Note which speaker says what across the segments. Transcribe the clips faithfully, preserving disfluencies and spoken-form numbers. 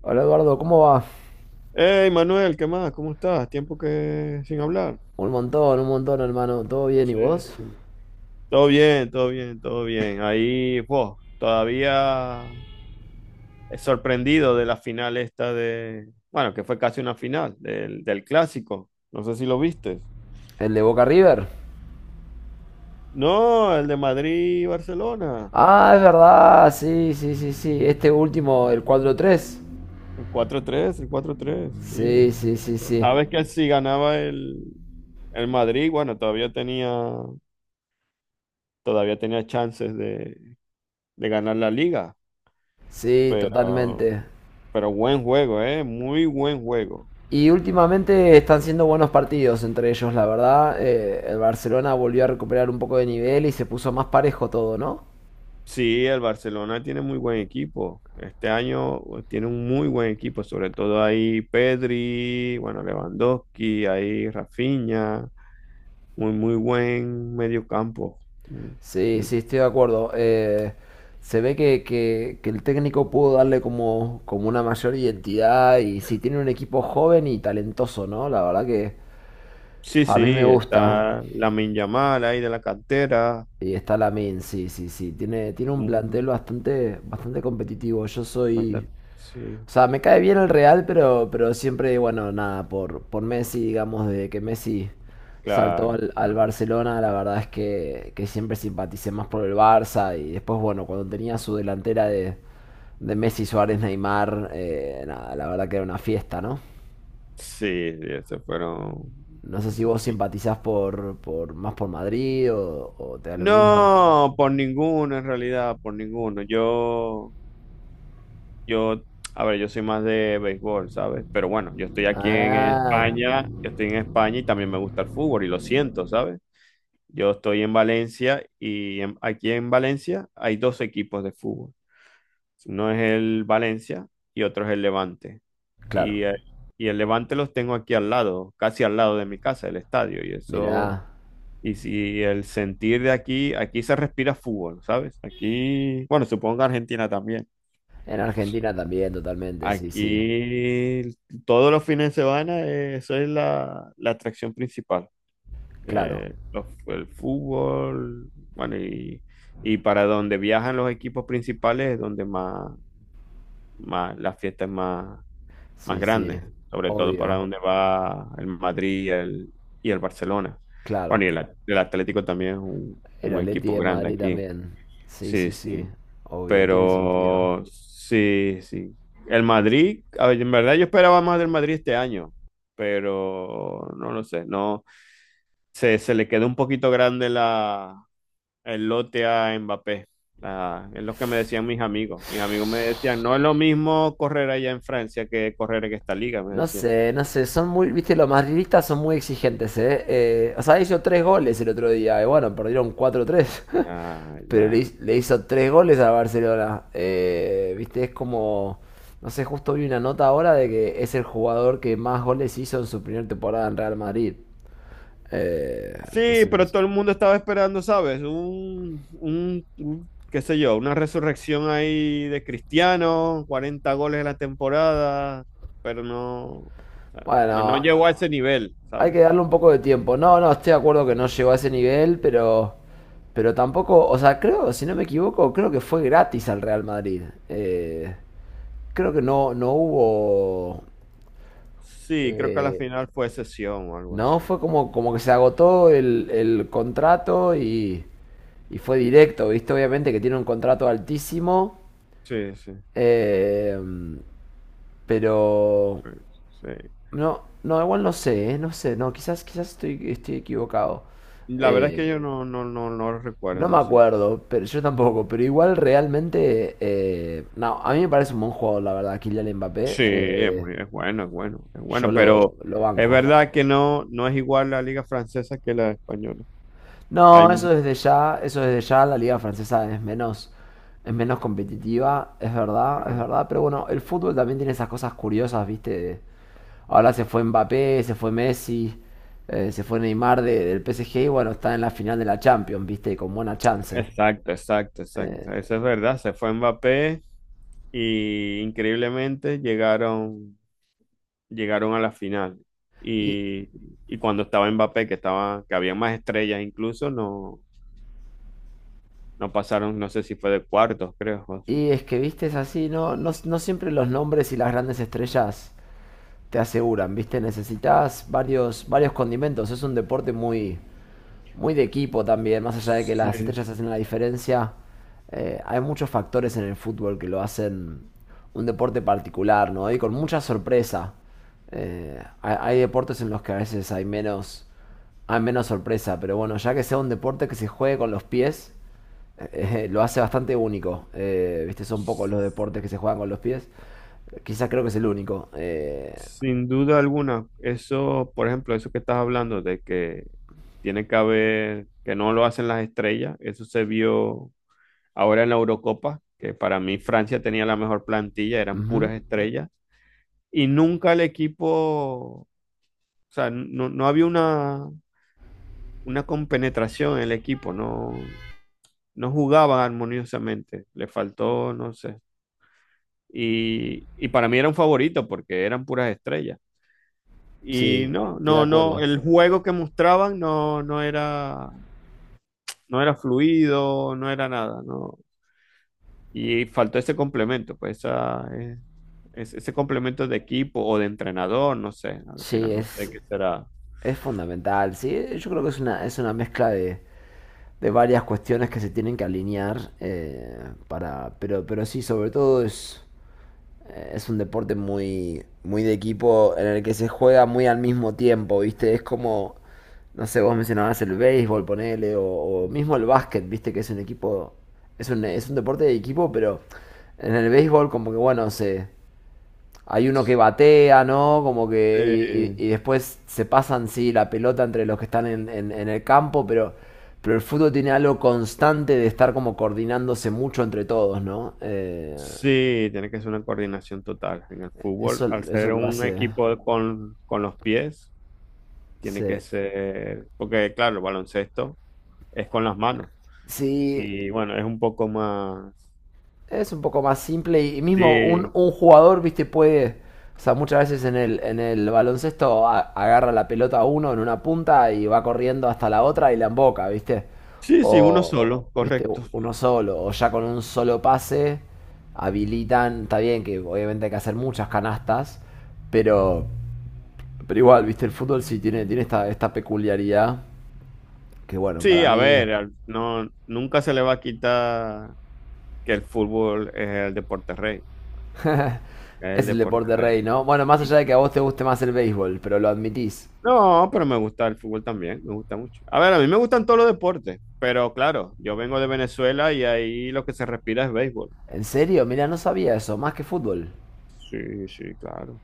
Speaker 1: Hola Eduardo, ¿cómo va?
Speaker 2: Hey Manuel, ¿qué más? ¿Cómo estás? Tiempo que sin hablar.
Speaker 1: Un montón, un montón, hermano. ¿Todo bien y vos?
Speaker 2: Todo bien, todo bien, todo bien. Ahí, vos, todavía sorprendido de la final esta de, bueno, que fue casi una final del, del clásico. No sé si lo viste.
Speaker 1: ¿El de Boca River?
Speaker 2: No, el de Madrid-Barcelona.
Speaker 1: Ah, es verdad, sí, sí, sí, sí. Este último, el cuatro tres.
Speaker 2: El cuatro tres, el cuatro tres. Sí.
Speaker 1: Sí, sí, sí, sí.
Speaker 2: Sabes que si ganaba el, el Madrid, bueno, todavía tenía, todavía tenía chances de, de ganar la liga,
Speaker 1: Sí,
Speaker 2: pero.
Speaker 1: totalmente.
Speaker 2: Pero buen juego, ¿eh? Muy buen juego.
Speaker 1: Y últimamente están siendo buenos partidos entre ellos, la verdad. Eh, el Barcelona volvió a recuperar un poco de nivel y se puso más parejo todo, ¿no?
Speaker 2: Sí, el Barcelona tiene muy buen equipo. Este año pues, tiene un muy buen equipo, sobre todo ahí Pedri, bueno, Lewandowski, ahí Rafinha, muy, muy buen medio campo.
Speaker 1: Sí, sí, estoy de acuerdo. Eh, se ve que, que- que el técnico pudo darle como, como una mayor identidad y sí, tiene un equipo joven y talentoso, ¿no? La verdad que
Speaker 2: Sí,
Speaker 1: a mí me
Speaker 2: sí,
Speaker 1: gusta.
Speaker 2: está Lamine Yamal ahí de la cantera.
Speaker 1: Y está Lamin, sí, sí, sí. Tiene, tiene un
Speaker 2: Mm,
Speaker 1: plantel bastante, bastante competitivo. Yo soy.
Speaker 2: bastante- Sí,
Speaker 1: O sea, me cae bien el Real, pero, pero siempre, bueno, nada, por, por Messi, digamos, desde que Messi saltó
Speaker 2: claro,
Speaker 1: al, al
Speaker 2: claro.
Speaker 1: Barcelona, la verdad es que, que siempre simpaticé más por el Barça. Y después, bueno, cuando tenía su delantera de, de Messi, Suárez, Neymar, eh, nada, la verdad que era una fiesta, ¿no?
Speaker 2: Sí, sí, esos fueron,
Speaker 1: No sé si
Speaker 2: esos
Speaker 1: vos simpatizás por, por más por Madrid o, o te da lo mismo.
Speaker 2: No, por ninguno en realidad, por ninguno. Yo, yo, a ver, yo soy más de béisbol, ¿sabes? Pero bueno, yo estoy aquí en
Speaker 1: Ah,
Speaker 2: España, yo estoy en España y también me gusta el fútbol y lo siento, ¿sabes? Yo estoy en Valencia y en- aquí en Valencia hay dos equipos de fútbol. Uno es el Valencia y otro es el Levante.
Speaker 1: claro.
Speaker 2: Y, eh, y el Levante los tengo aquí al lado, casi al lado de mi casa, el estadio. Y eso.
Speaker 1: Mirá,
Speaker 2: Y si el sentir de aquí, aquí se respira fútbol, ¿sabes? Aquí, bueno, supongo que Argentina también.
Speaker 1: en Argentina también, totalmente, sí, sí.
Speaker 2: Aquí todos los fines de semana, eh, eso es la, la atracción principal.
Speaker 1: Claro.
Speaker 2: Eh, los- el fútbol, bueno, y, y para donde viajan los equipos principales es donde más, más las fiestas más, más
Speaker 1: Sí, sí,
Speaker 2: grandes, sobre todo para
Speaker 1: obvio,
Speaker 2: donde va el Madrid y el, y el Barcelona. Bueno,
Speaker 1: claro.
Speaker 2: y el, el Atlético también es un,
Speaker 1: El
Speaker 2: un
Speaker 1: Atleti
Speaker 2: equipo
Speaker 1: de
Speaker 2: grande
Speaker 1: Madrid
Speaker 2: aquí.
Speaker 1: también. Sí,
Speaker 2: Sí,
Speaker 1: sí, sí,
Speaker 2: sí,
Speaker 1: obvio, tiene sentido.
Speaker 2: pero sí, sí. El Madrid, a ver, en verdad yo esperaba más del Madrid este año, pero no lo sé, no, se, se le quedó un poquito grande la, el lote a Mbappé. La- es lo que me decían mis amigos. Mis amigos me decían, no es lo mismo correr allá en Francia que correr en esta liga, me
Speaker 1: No
Speaker 2: decían.
Speaker 1: sé, no sé, son muy, viste, los madridistas son muy exigentes, ¿eh? Eh, o sea, hizo tres goles el otro día, y bueno, perdieron cuatro tres
Speaker 2: Ya,
Speaker 1: pero le,
Speaker 2: ya.
Speaker 1: hi- le hizo tres goles a Barcelona. Eh, viste, es como, no sé, justo vi una nota ahora de que es el jugador que más goles hizo en su primera temporada en Real Madrid. Eh,
Speaker 2: Sí, pero
Speaker 1: entonces,
Speaker 2: todo el mundo estaba esperando, ¿sabes? Un, un, un, qué sé yo, una resurrección ahí de Cristiano, cuarenta goles en la temporada, pero no, o sea, no, no
Speaker 1: bueno.
Speaker 2: llegó a ese nivel,
Speaker 1: Hay
Speaker 2: ¿sabes?
Speaker 1: que darle un poco de tiempo. No, no, estoy de acuerdo que no llegó a ese nivel, pero, pero tampoco, o sea, creo, si no me equivoco, creo que fue gratis al Real Madrid. Eh, Creo que no, no hubo,
Speaker 2: Sí, creo que a la
Speaker 1: eh,
Speaker 2: final fue sesión o algo
Speaker 1: no,
Speaker 2: así.
Speaker 1: fue como, como que se agotó el, el contrato y, y fue directo, ¿viste? Obviamente que tiene un contrato altísimo,
Speaker 2: Sí, sí,
Speaker 1: eh, pero
Speaker 2: sí.
Speaker 1: no, no, igual no sé, eh, no sé, no, quizás, quizás estoy, estoy equivocado.
Speaker 2: La verdad es que
Speaker 1: Eh,
Speaker 2: yo no, no, no, no lo recuerdo,
Speaker 1: No me
Speaker 2: no sé.
Speaker 1: acuerdo, pero yo tampoco. Pero igual realmente. Eh, no, a mí me parece un buen jugador, la verdad, Kylian Mbappé.
Speaker 2: Sí, es
Speaker 1: Eh,
Speaker 2: muy, es bueno, es bueno, es
Speaker 1: yo
Speaker 2: bueno,
Speaker 1: lo,
Speaker 2: pero
Speaker 1: lo
Speaker 2: es
Speaker 1: banco.
Speaker 2: verdad que no, no es igual la liga francesa que la española. Hay,
Speaker 1: No,
Speaker 2: mu-
Speaker 1: eso desde ya, eso desde ya, la liga francesa es menos, es menos competitiva, es verdad, es
Speaker 2: Ajá.
Speaker 1: verdad. Pero bueno, el fútbol también tiene esas cosas curiosas, ¿viste? Ahora se fue Mbappé, se fue Messi, eh, se fue Neymar de- del P S G y bueno, está en la final de la Champions, ¿viste? Con buena chance.
Speaker 2: Exacto, exacto,
Speaker 1: Eh,
Speaker 2: exacto. Eso es verdad. Se fue Mbappé y increíblemente llegaron, llegaron a la final.
Speaker 1: y,
Speaker 2: Y, y cuando estaba Mbappé, que estaba, que había más estrellas incluso, no, no, pasaron, no sé si fue de cuartos, creo.
Speaker 1: Y es que, viste, es así, no, no, no siempre los nombres y las grandes estrellas te aseguran, viste, necesitas varios, varios condimentos, es un deporte muy, muy de equipo también, más allá de que
Speaker 2: Sí,
Speaker 1: las estrellas
Speaker 2: sí.
Speaker 1: hacen la diferencia, eh, hay muchos factores en el fútbol que lo hacen un deporte particular, ¿no? Y con mucha sorpresa. Eh, hay, hay deportes en los que a veces hay menos, hay menos sorpresa, pero bueno, ya que sea un deporte que se juegue con los pies, eh, eh, lo hace bastante único. Eh, Viste, son pocos los deportes que se juegan con los pies. Quizás creo que es el único. Eh,
Speaker 2: Sin duda alguna, eso, por ejemplo, eso que estás hablando de que tiene que haber, que no lo hacen las estrellas, eso se vio ahora en la Eurocopa, que para mí Francia tenía la mejor plantilla, eran
Speaker 1: ujú.
Speaker 2: puras estrellas y nunca el equipo, o sea, no, no había una, una compenetración en el equipo, no, no jugaban armoniosamente, le faltó, no sé. Y, y para mí era un favorito porque eran puras estrellas. Y
Speaker 1: Sí,
Speaker 2: no,
Speaker 1: estoy de
Speaker 2: no, no,
Speaker 1: acuerdo.
Speaker 2: el juego que mostraban no, no era, no era fluido, no era nada, no. Y faltó ese complemento, pues esa, eh, es- ese complemento de equipo o de entrenador, no sé, al
Speaker 1: Sí,
Speaker 2: final no sé
Speaker 1: es.
Speaker 2: qué será.
Speaker 1: Es fundamental, sí. Yo creo que es una, es una mezcla de, de varias cuestiones que se tienen que alinear eh, para. Pero, pero sí, sobre todo es, eh, es un deporte muy, muy de equipo en el que se juega muy al mismo tiempo, ¿viste? Es como, no sé, vos mencionabas el béisbol, ponele, o, o mismo el básquet, ¿viste? Que es un equipo, es un, es un deporte de equipo, pero en el béisbol como que, bueno, se, hay uno que batea, ¿no? Como que. Y,
Speaker 2: Sí,
Speaker 1: y- y después se pasan, sí, la pelota entre los que están en, en- en el campo, pero, pero el fútbol tiene algo constante de estar como coordinándose mucho entre todos, ¿no? Eh,
Speaker 2: sí, tiene que ser una coordinación total. En el fútbol,
Speaker 1: eso,
Speaker 2: al
Speaker 1: eso
Speaker 2: ser
Speaker 1: lo
Speaker 2: un
Speaker 1: hace.
Speaker 2: equipo de- con, con los pies, tiene que
Speaker 1: Sí.
Speaker 2: ser, porque claro, el baloncesto es con las manos.
Speaker 1: Sí,
Speaker 2: Y bueno, es un poco más.
Speaker 1: es un poco más simple y mismo un,
Speaker 2: Sí,
Speaker 1: un jugador, viste, puede, o sea, muchas veces en el, en el baloncesto a- agarra la pelota a uno en una punta y va corriendo hasta la otra y la emboca, viste.
Speaker 2: sí, sí, uno
Speaker 1: O,
Speaker 2: solo,
Speaker 1: viste,
Speaker 2: correcto.
Speaker 1: uno solo, o ya con un solo pase habilitan, está bien que obviamente hay que hacer muchas canastas, pero, pero igual, viste, el fútbol sí tiene, tiene esta, esta peculiaridad que bueno,
Speaker 2: Sí,
Speaker 1: para
Speaker 2: a
Speaker 1: mí
Speaker 2: ver, al- no, nunca se le va a quitar que el fútbol es el deporte rey, es el
Speaker 1: es el
Speaker 2: deporte
Speaker 1: deporte
Speaker 2: rey.
Speaker 1: rey, ¿no? Bueno, más allá
Speaker 2: Y
Speaker 1: de que a vos te guste más el béisbol, pero lo admitís.
Speaker 2: no, pero me gusta el fútbol también, me gusta mucho. A ver, a mí me gustan todos los deportes, pero claro, yo vengo de Venezuela y ahí lo que se respira es béisbol.
Speaker 1: ¿En serio? Mira, no sabía eso. Más que fútbol.
Speaker 2: Sí, sí, claro.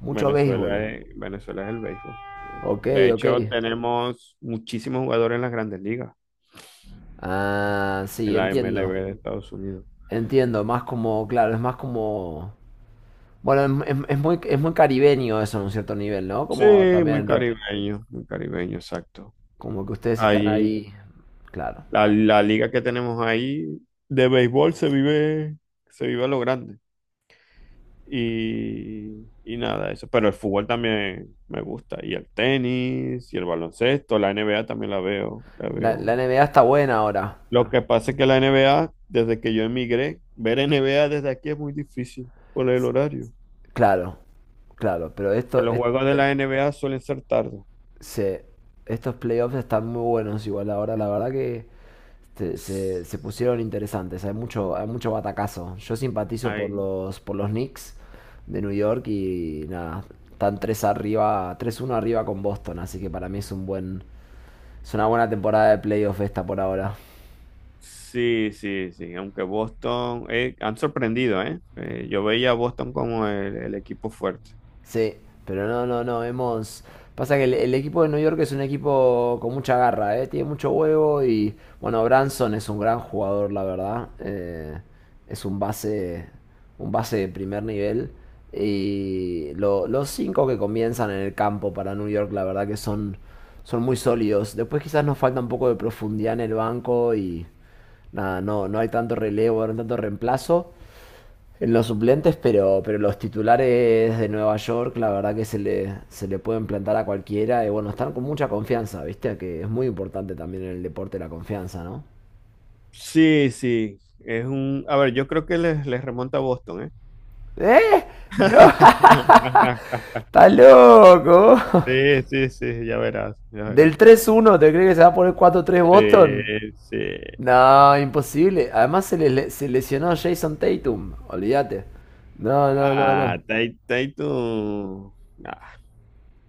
Speaker 1: Mucho
Speaker 2: Venezuela
Speaker 1: béisbol.
Speaker 2: es, Venezuela es el béisbol.
Speaker 1: Ok,
Speaker 2: De
Speaker 1: ok.
Speaker 2: hecho, tenemos muchísimos jugadores en las grandes ligas,
Speaker 1: Ah,
Speaker 2: en
Speaker 1: sí,
Speaker 2: la
Speaker 1: entiendo.
Speaker 2: M L B de Estados Unidos.
Speaker 1: Entiendo. Más como, claro, es más como... Bueno, es, es- es muy, es muy caribeño eso en un cierto nivel, ¿no?
Speaker 2: Sí,
Speaker 1: Como
Speaker 2: muy
Speaker 1: también, rep-
Speaker 2: caribeño, muy caribeño, exacto.
Speaker 1: como que ustedes están
Speaker 2: Ahí,
Speaker 1: ahí. Claro.
Speaker 2: la, la liga que tenemos ahí de béisbol se vive, se vive a lo grande. Y, y nada, eso. Pero el fútbol también me gusta. Y el tenis, y el baloncesto, la N B A también la veo, la
Speaker 1: La, la
Speaker 2: veo.
Speaker 1: N B A está buena ahora.
Speaker 2: Lo que pasa es que la N B A, desde que yo emigré, ver N B A desde aquí es muy difícil por el horario.
Speaker 1: Claro, claro. Pero
Speaker 2: Que
Speaker 1: esto,
Speaker 2: los
Speaker 1: es-
Speaker 2: juegos de
Speaker 1: es-
Speaker 2: la N B A suelen ser tarde.
Speaker 1: se- estos playoffs están muy buenos igual ahora. La verdad que... se, se- se pusieron interesantes. Hay mucho, hay mucho batacazo. Yo simpatizo por
Speaker 2: Ay.
Speaker 1: los, por los Knicks de New York y nada, están tres arriba, tres uno arriba con Boston, así que para mí es un buen, es una buena temporada de playoff esta por ahora.
Speaker 2: Sí, sí, sí. Aunque Boston, eh, han sorprendido, ¿eh? Eh, yo veía a Boston como el, el equipo fuerte.
Speaker 1: Sí, pero no, no, no, hemos... Pasa que el, el equipo de New York es un equipo con mucha garra, ¿eh? Tiene mucho huevo y, bueno, Branson es un gran jugador, la verdad. Eh, es un base, un base de primer nivel. Y lo- los cinco que comienzan en el campo para New York, la verdad que son, son muy sólidos. Después quizás nos falta un poco de profundidad en el banco y, nada, no, no hay tanto relevo, no hay tanto reemplazo. En los suplentes, pero, pero los titulares de Nueva York, la verdad que se le, se le pueden plantar a cualquiera. Y bueno, están con mucha confianza, ¿viste? Que es muy importante también en el deporte la confianza, ¿no?
Speaker 2: Sí, sí. Es un, a ver, yo creo que les, les remonta a Boston, ¿eh?
Speaker 1: ¿Eh? ¡No! ¡Estás loco!
Speaker 2: Sí, sí, sí, ya verás, ya verás.
Speaker 1: ¿Del tres uno, te crees que se va a poner cuatro tres Boston?
Speaker 2: Sí, sí.
Speaker 1: No, imposible. Además se, le- se lesionó Jason Tatum, olvídate. No, no, no,
Speaker 2: Ah,
Speaker 1: no.
Speaker 2: Tai- Taito. Ah,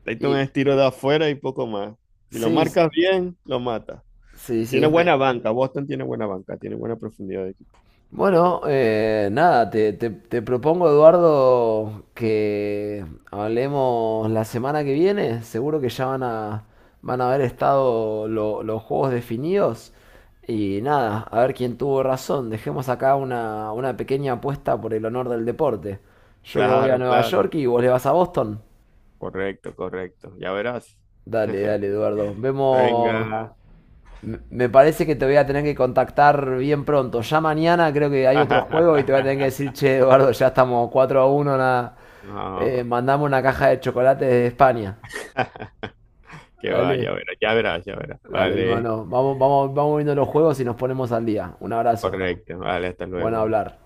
Speaker 2: Taito
Speaker 1: Y
Speaker 2: es tiro de afuera y poco más. Si lo
Speaker 1: sí,
Speaker 2: marcas bien, lo mata.
Speaker 1: sí, sí,
Speaker 2: Tiene
Speaker 1: es, me-
Speaker 2: buena banca, Boston tiene buena banca, tiene buena profundidad de equipo.
Speaker 1: bueno, eh, nada, te, te- te propongo, Eduardo, que hablemos la semana que viene. Seguro que ya van a, van a haber estado lo- los juegos definidos. Y nada, a ver quién tuvo razón. Dejemos acá una, una pequeña apuesta por el honor del deporte. Yo le voy a
Speaker 2: Claro,
Speaker 1: Nueva
Speaker 2: claro.
Speaker 1: York y vos le vas a Boston.
Speaker 2: Correcto, correcto. Ya verás.
Speaker 1: Dale, dale, Eduardo. Vemos.
Speaker 2: Venga.
Speaker 1: Me- parece que te voy a tener que contactar bien pronto. Ya mañana creo que hay otro juego y te voy a tener que decir, che, Eduardo, ya estamos cuatro a uno. Nada. Eh,
Speaker 2: No,
Speaker 1: mandamos una caja de chocolates de España.
Speaker 2: que va, ya
Speaker 1: Dale,
Speaker 2: verás, ya verás, ya verás.
Speaker 1: dale,
Speaker 2: Vale,
Speaker 1: hermano. Vamos, vamos, vamos viendo los juegos y nos ponemos al día. Un abrazo.
Speaker 2: correcto, vale, hasta
Speaker 1: Bueno
Speaker 2: luego.
Speaker 1: hablar.